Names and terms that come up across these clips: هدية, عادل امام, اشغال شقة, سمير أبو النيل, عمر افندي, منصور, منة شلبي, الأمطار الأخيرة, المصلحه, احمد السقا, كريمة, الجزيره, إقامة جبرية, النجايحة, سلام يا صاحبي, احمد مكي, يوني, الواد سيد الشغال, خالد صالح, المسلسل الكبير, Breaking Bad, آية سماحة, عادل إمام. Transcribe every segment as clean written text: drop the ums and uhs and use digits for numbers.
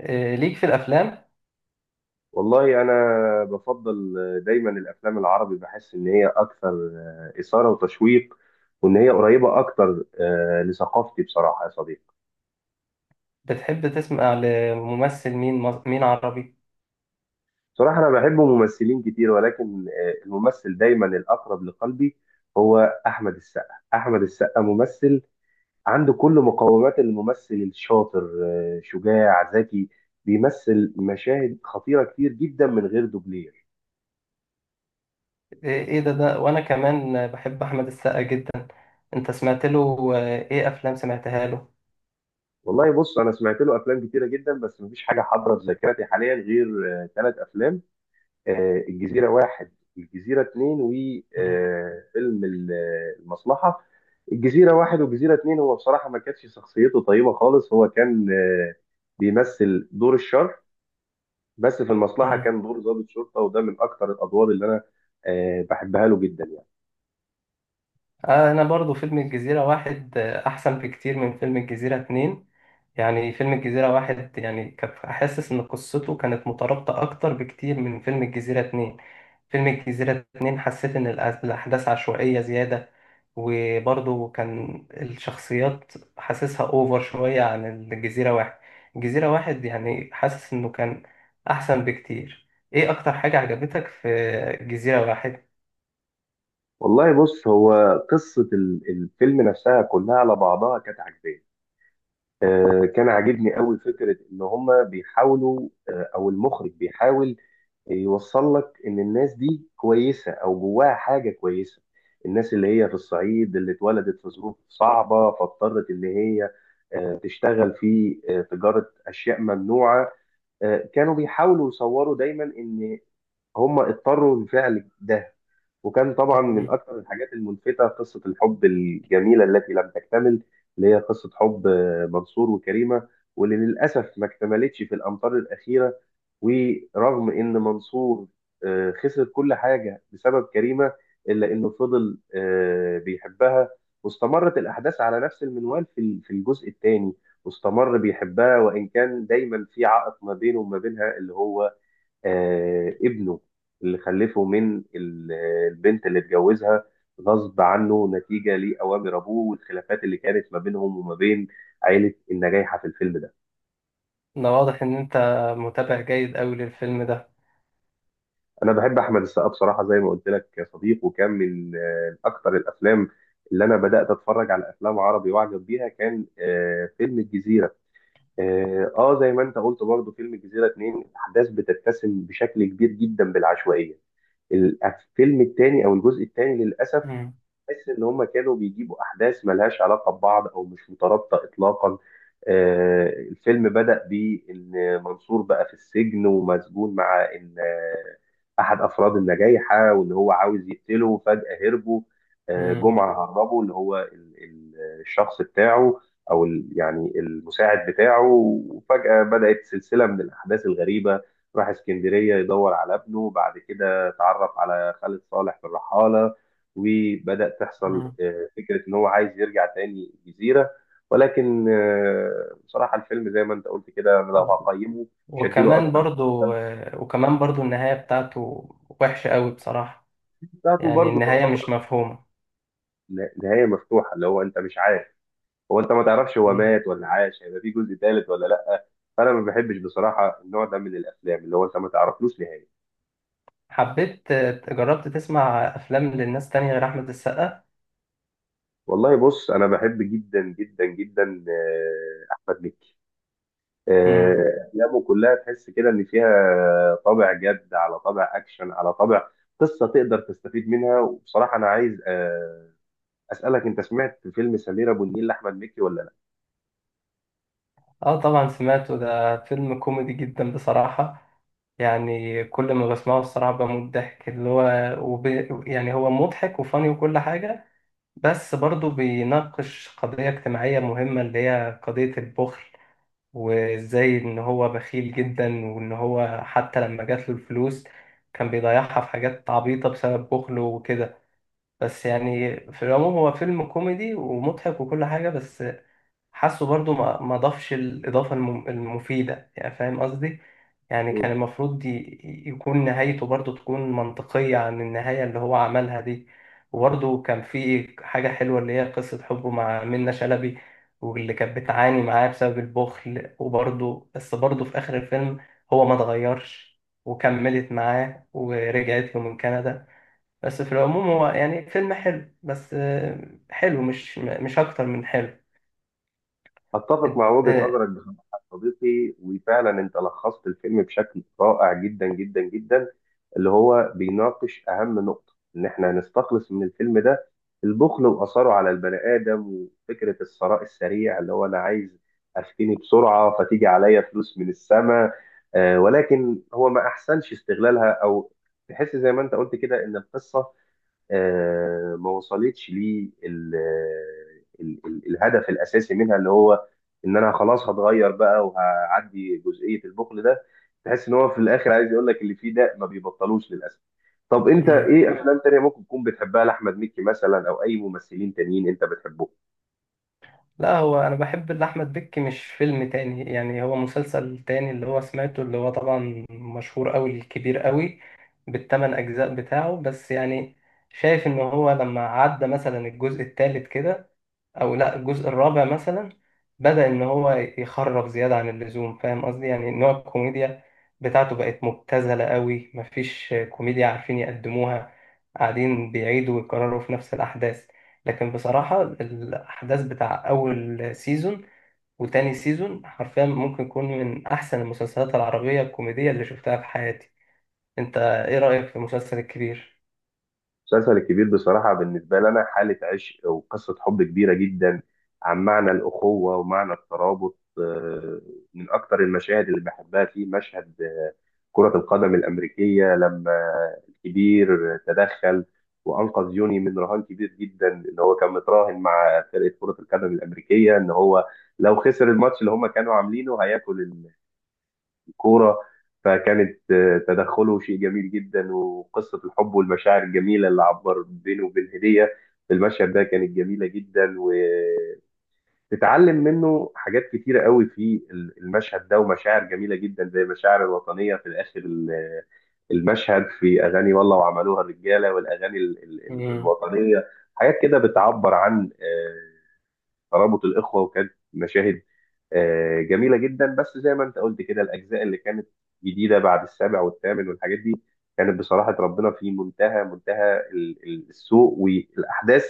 إيه، ليك في الافلام. والله انا بفضل دايما الافلام العربي، بحس ان هي اكثر اثاره وتشويق، وان هي قريبه اكتر لثقافتي بصراحه يا صديقي. بتحب تسمع لممثل مين عربي؟ بصراحه انا بحب ممثلين كتير، ولكن الممثل دايما الاقرب لقلبي هو احمد السقا. احمد السقا ممثل عنده كل مقومات الممثل الشاطر، شجاع ذكي، بيمثل مشاهد خطيره كتير جدا من غير دوبلير. ايه ده وانا كمان بحب احمد السقا جدا. انت سمعت له، ايه افلام سمعتها له؟ والله بص، انا سمعت له افلام كتيره جدا، بس مفيش حاجه حاضره في ذاكرتي حاليا غير 3 افلام: الجزيره واحد، الجزيره اتنين، مم. وفيلم المصلحه. الجزيره واحد والجزيره اتنين، هو بصراحه ما كانتش شخصيته طيبه خالص، هو كان بيمثل دور الشر. بس في المصلحه مم. كان دور ضابط شرطه، وده من اكتر الادوار اللي انا بحبها له جدا يعني. انا برضو فيلم الجزيرة واحد احسن بكتير من فيلم الجزيرة اتنين. يعني فيلم الجزيرة واحد يعني كنت حاسس إن قصته كانت مترابطة أكتر بكتير من فيلم الجزيرة اتنين. فيلم الجزيرة اتنين حسيت إن الأحداث عشوائية زيادة. وبرضه كان الشخصيات حاسسها أوفر شوية عن الجزيرة واحد. الجزيرة واحد يعني حاسس إنه كان أحسن بكتير. إيه أكتر حاجة عجبتك في الجزيرة واحد؟ والله بص، هو قصه الفيلم نفسها كلها على بعضها كانت عجباني. كان عاجبني قوي فكرة إن هما بيحاولوا، أو المخرج بيحاول يوصل لك إن الناس دي كويسة أو جواها حاجة كويسة. الناس اللي هي في الصعيد، اللي اتولدت في ظروف صعبة، فاضطرت إن هي تشتغل في تجارة أشياء ممنوعة. كانوا بيحاولوا يصوروا دايما إن هم اضطروا لفعل ده. وكان طبعا من مم. اكثر الحاجات الملفتة قصة الحب الجميلة التي لم تكتمل، اللي هي قصة حب منصور وكريمة. واللي للأسف ما اكتملتش في الأمطار الأخيرة. ورغم إن منصور خسر كل حاجة بسبب كريمة، إلا إنه فضل بيحبها. واستمرت الأحداث على نفس المنوال في الجزء الثاني. واستمر بيحبها، وإن كان دايما في عائق ما بينه وما بينها، اللي هو ابنه، اللي خلفه من البنت اللي اتجوزها غصب عنه، نتيجة لأوامر أبوه والخلافات اللي كانت ما بينهم وما بين عائلة النجايحة في الفيلم ده. ده واضح إن أنت متابع جيد أوي للفيلم ده. أنا بحب أحمد السقا بصراحة، زي ما قلت لك يا صديق، وكان من أكتر الأفلام اللي أنا بدأت أتفرج على أفلام عربي وأعجب بيها، كان فيلم الجزيرة. زي ما أنت قلت برضه، فيلم الجزيرة اتنين الأحداث بتتسم بشكل كبير جدا بالعشوائية. الفيلم التاني أو الجزء التاني للأسف مم. تحس ان هم كانوا بيجيبوا احداث ملهاش علاقه ببعض او مش مترابطه اطلاقا. الفيلم بدأ بان منصور بقى في السجن ومسجون مع ان احد افراد النجايحه، وان هو عاوز يقتله. فجأة هربوا، مم. جمعه هربوا، اللي هو الشخص بتاعه، او يعني المساعد بتاعه. وفجأة بدأت سلسله من الاحداث الغريبه، راح اسكندريه يدور على ابنه، بعد كده اتعرف على خالد صالح في الرحاله، وبدأ تحصل فكرة إن هو عايز يرجع تاني الجزيرة. ولكن بصراحة الفيلم زي ما أنت قلت كده، أنا لو مم. هقيمه مش هديله وكمان أكتر من برضو 5. وكمان برضو النهاية بتاعته وحشة قوي بصراحة. بتاعته يعني برضه النهاية تعتبر مش مفهومة. نهاية مفتوحة، اللي هو أنت مش عارف، هو أنت ما تعرفش هو مم. مات ولا عاش، هيبقى في جزء ثالث ولا لأ. فأنا ما بحبش بصراحة النوع ده من الأفلام اللي هو أنت ما تعرفلوش نهاية. حبيت. جربت تسمع أفلام للناس تانية غير أحمد السقا؟ والله بص، أنا بحب جدا جدا جدا أحمد مكي. مم. أفلامه كلها تحس كده إن فيها طابع جد، على طابع أكشن، على طابع قصة تقدر تستفيد منها. وبصراحة أنا عايز أسألك، أنت سمعت فيلم سمير أبو النيل لأحمد مكي ولا اه، طبعا سمعته، ده فيلم كوميدي جدا بصراحة. يعني كل ما بسمعه الصراحة بموت ضحك، اللي هو وب... يعني هو مضحك وفاني وكل حاجة. بس برضو بيناقش قضية اجتماعية مهمة اللي هي قضية البخل. وازاي ان هو بخيل جدا وان هو حتى لما جات له الفلوس كان بيضيعها في حاجات عبيطة بسبب بخله وكده. بس يعني في العموم هو فيلم كوميدي ومضحك وكل حاجة. بس حاسه برضو ما ضافش الإضافة المفيدة، يعني فاهم قصدي. يعني كان لأ؟ المفروض يكون نهايته برضو تكون منطقية عن النهاية اللي هو عملها دي. وبرضو كان في حاجة حلوة اللي هي قصة حبه مع منة شلبي، واللي كانت بتعاني معاه بسبب البخل. وبرضو بس برضو في آخر الفيلم هو ما اتغيرش وكملت معاه ورجعت له من كندا. بس في العموم هو يعني فيلم حلو، بس حلو مش أكتر من اتفق مع وجهة حلو. نظرك بصراحة يا صديقي، وفعلا انت لخصت الفيلم بشكل رائع جدا جدا جدا، اللي هو بيناقش اهم نقطة ان احنا نستخلص من الفيلم ده: البخل واثره على البني ادم، وفكرة الثراء السريع، اللي هو انا عايز افتني بسرعة، فتيجي عليا فلوس من السماء. ولكن هو ما احسنش استغلالها، او تحس زي ما انت قلت كده ان القصة ما وصلتش لي الهدف الاساسي منها، اللي هو ان انا خلاص هتغير بقى وهعدي جزئيه البخل ده. تحس ان هو في الاخر عايز يقول لك اللي فيه ده ما بيبطلوش للاسف. طب انت مم. ايه افلام تانية ممكن تكون بتحبها لاحمد مكي مثلا، او اي ممثلين تانيين انت بتحبهم؟ لا هو انا بحب لاحمد بكي مش فيلم تاني، يعني هو مسلسل تاني اللي هو سمعته، اللي هو طبعا مشهور قوي، الكبير قوي بالثمان اجزاء بتاعه. بس يعني شايف ان هو لما عدى مثلا الجزء الثالث كده، او لا الجزء الرابع مثلا، بدأ ان هو يخرف زيادة عن اللزوم، فاهم قصدي. يعني نوع الكوميديا بتاعته بقت مبتذلة قوي، مفيش كوميديا عارفين يقدموها، قاعدين بيعيدوا ويكرروا في نفس الأحداث. لكن بصراحة الأحداث بتاع أول سيزون وتاني سيزون حرفيا ممكن يكون من أحسن المسلسلات العربية الكوميدية اللي شفتها في حياتي. أنت إيه رأيك في المسلسل الكبير؟ المسلسل الكبير بصراحة بالنسبة لنا حالة عشق وقصة حب كبيرة جدا، عن معنى الأخوة ومعنى الترابط. من أكتر المشاهد اللي بحبها فيه مشهد كرة القدم الأمريكية، لما الكبير تدخل وأنقذ يوني من رهان كبير جدا، إن هو كان متراهن مع فرقة كرة القدم الأمريكية إن هو لو خسر الماتش اللي هم كانوا عاملينه هياكل كورة. فكانت تدخله شيء جميل جدا، وقصة الحب والمشاعر الجميلة اللي عبر بينه وبين هدية في المشهد ده كانت جميلة جدا، وتتعلم منه حاجات كتيرة قوي في المشهد ده. ومشاعر جميلة جدا، زي المشاعر الوطنية في الآخر، المشهد في أغاني والله، وعملوها الرجالة، والأغاني مم. الوطنية. حاجات كده بتعبر عن ترابط الاخوه، وكانت مشاهد جميله جدا. بس زي ما انت قلت كده، الاجزاء اللي كانت جديده بعد السابع والثامن والحاجات دي كانت بصراحه ربنا في منتهى منتهى السوء. والاحداث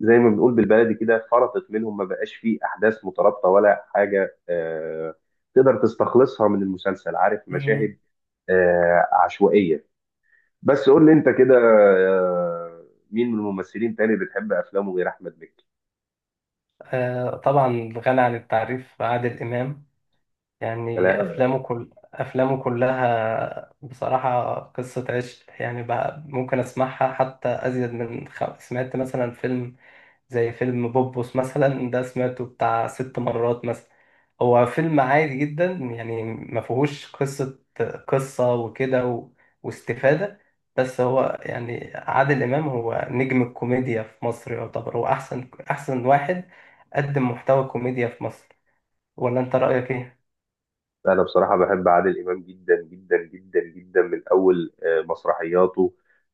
زي ما بنقول بالبلدي كده فرطت منهم، ما بقاش فيه احداث مترابطه ولا حاجه تقدر تستخلصها من المسلسل، عارف مم. مشاهد عشوائيه. بس قول لي انت كده مين من الممثلين تاني بتحب افلامه غير احمد مكي؟ آه، طبعا غني عن التعريف عادل إمام. يعني سلام. أفلامه، كل أفلامه كلها بصراحة قصة عشق، يعني بقى ممكن أسمعها حتى أزيد من سمعت مثلا فيلم، زي فيلم بوبوس مثلا، ده سمعته بتاع 6 مرات مثلا. هو فيلم عادي جدا يعني ما فيهوش قصة وكده واستفادة. بس هو يعني عادل إمام هو نجم الكوميديا في مصر، يعتبر هو أحسن واحد قدم محتوى كوميديا في مصر. ولا أنت رأيك إيه؟ انا بصراحه بحب عادل امام جدا جدا جدا جدا، من اول مسرحياته.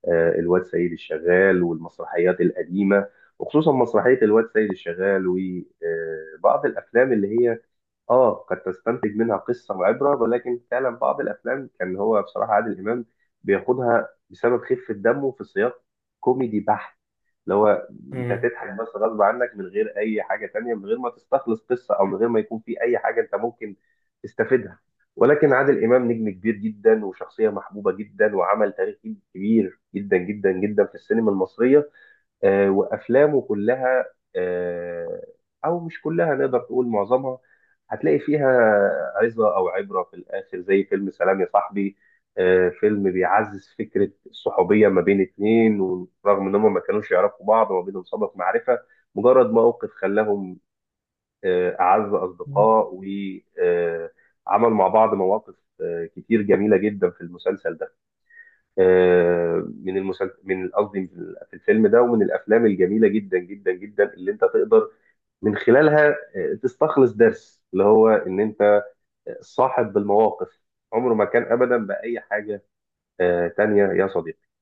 الواد سيد الشغال والمسرحيات القديمه، وخصوصا مسرحيه الواد سيد الشغال. وبعض الافلام اللي هي اه قد تستنتج منها قصة وعبرة، ولكن فعلا بعض الأفلام كان هو بصراحة عادل إمام بياخدها بسبب خفة دمه في سياق كوميدي بحت، اللي هو أنت هتضحك بس غصب عنك، من غير أي حاجة تانية، من غير ما تستخلص قصة، أو من غير ما يكون في أي حاجة أنت ممكن تستفيدها. ولكن عادل إمام نجم كبير جدا، وشخصية محبوبة جدا، وعمل تاريخي كبير جدا جدا جدا في السينما المصرية. وافلامه كلها، آه، او مش كلها، نقدر تقول معظمها هتلاقي فيها عظه او عبره في الاخر، زي فيلم سلام يا صاحبي. فيلم بيعزز فكره الصحوبيه ما بين 2، ورغم ان هم ما كانوش يعرفوا بعض وما بينهم سابق معرفه، مجرد موقف خلاهم اعز اصدقاء، وعمل مع بعض مواقف كتير جميله جدا في المسلسل ده. آه، من المسلسل، من قصدي في الفيلم ده، ومن الافلام الجميله جدا جدا جدا اللي انت تقدر من خلالها تستخلص درس، اللي هو ان انت صاحب بالمواقف عمره ما كان ابدا باي حاجه تانية يا صديقي.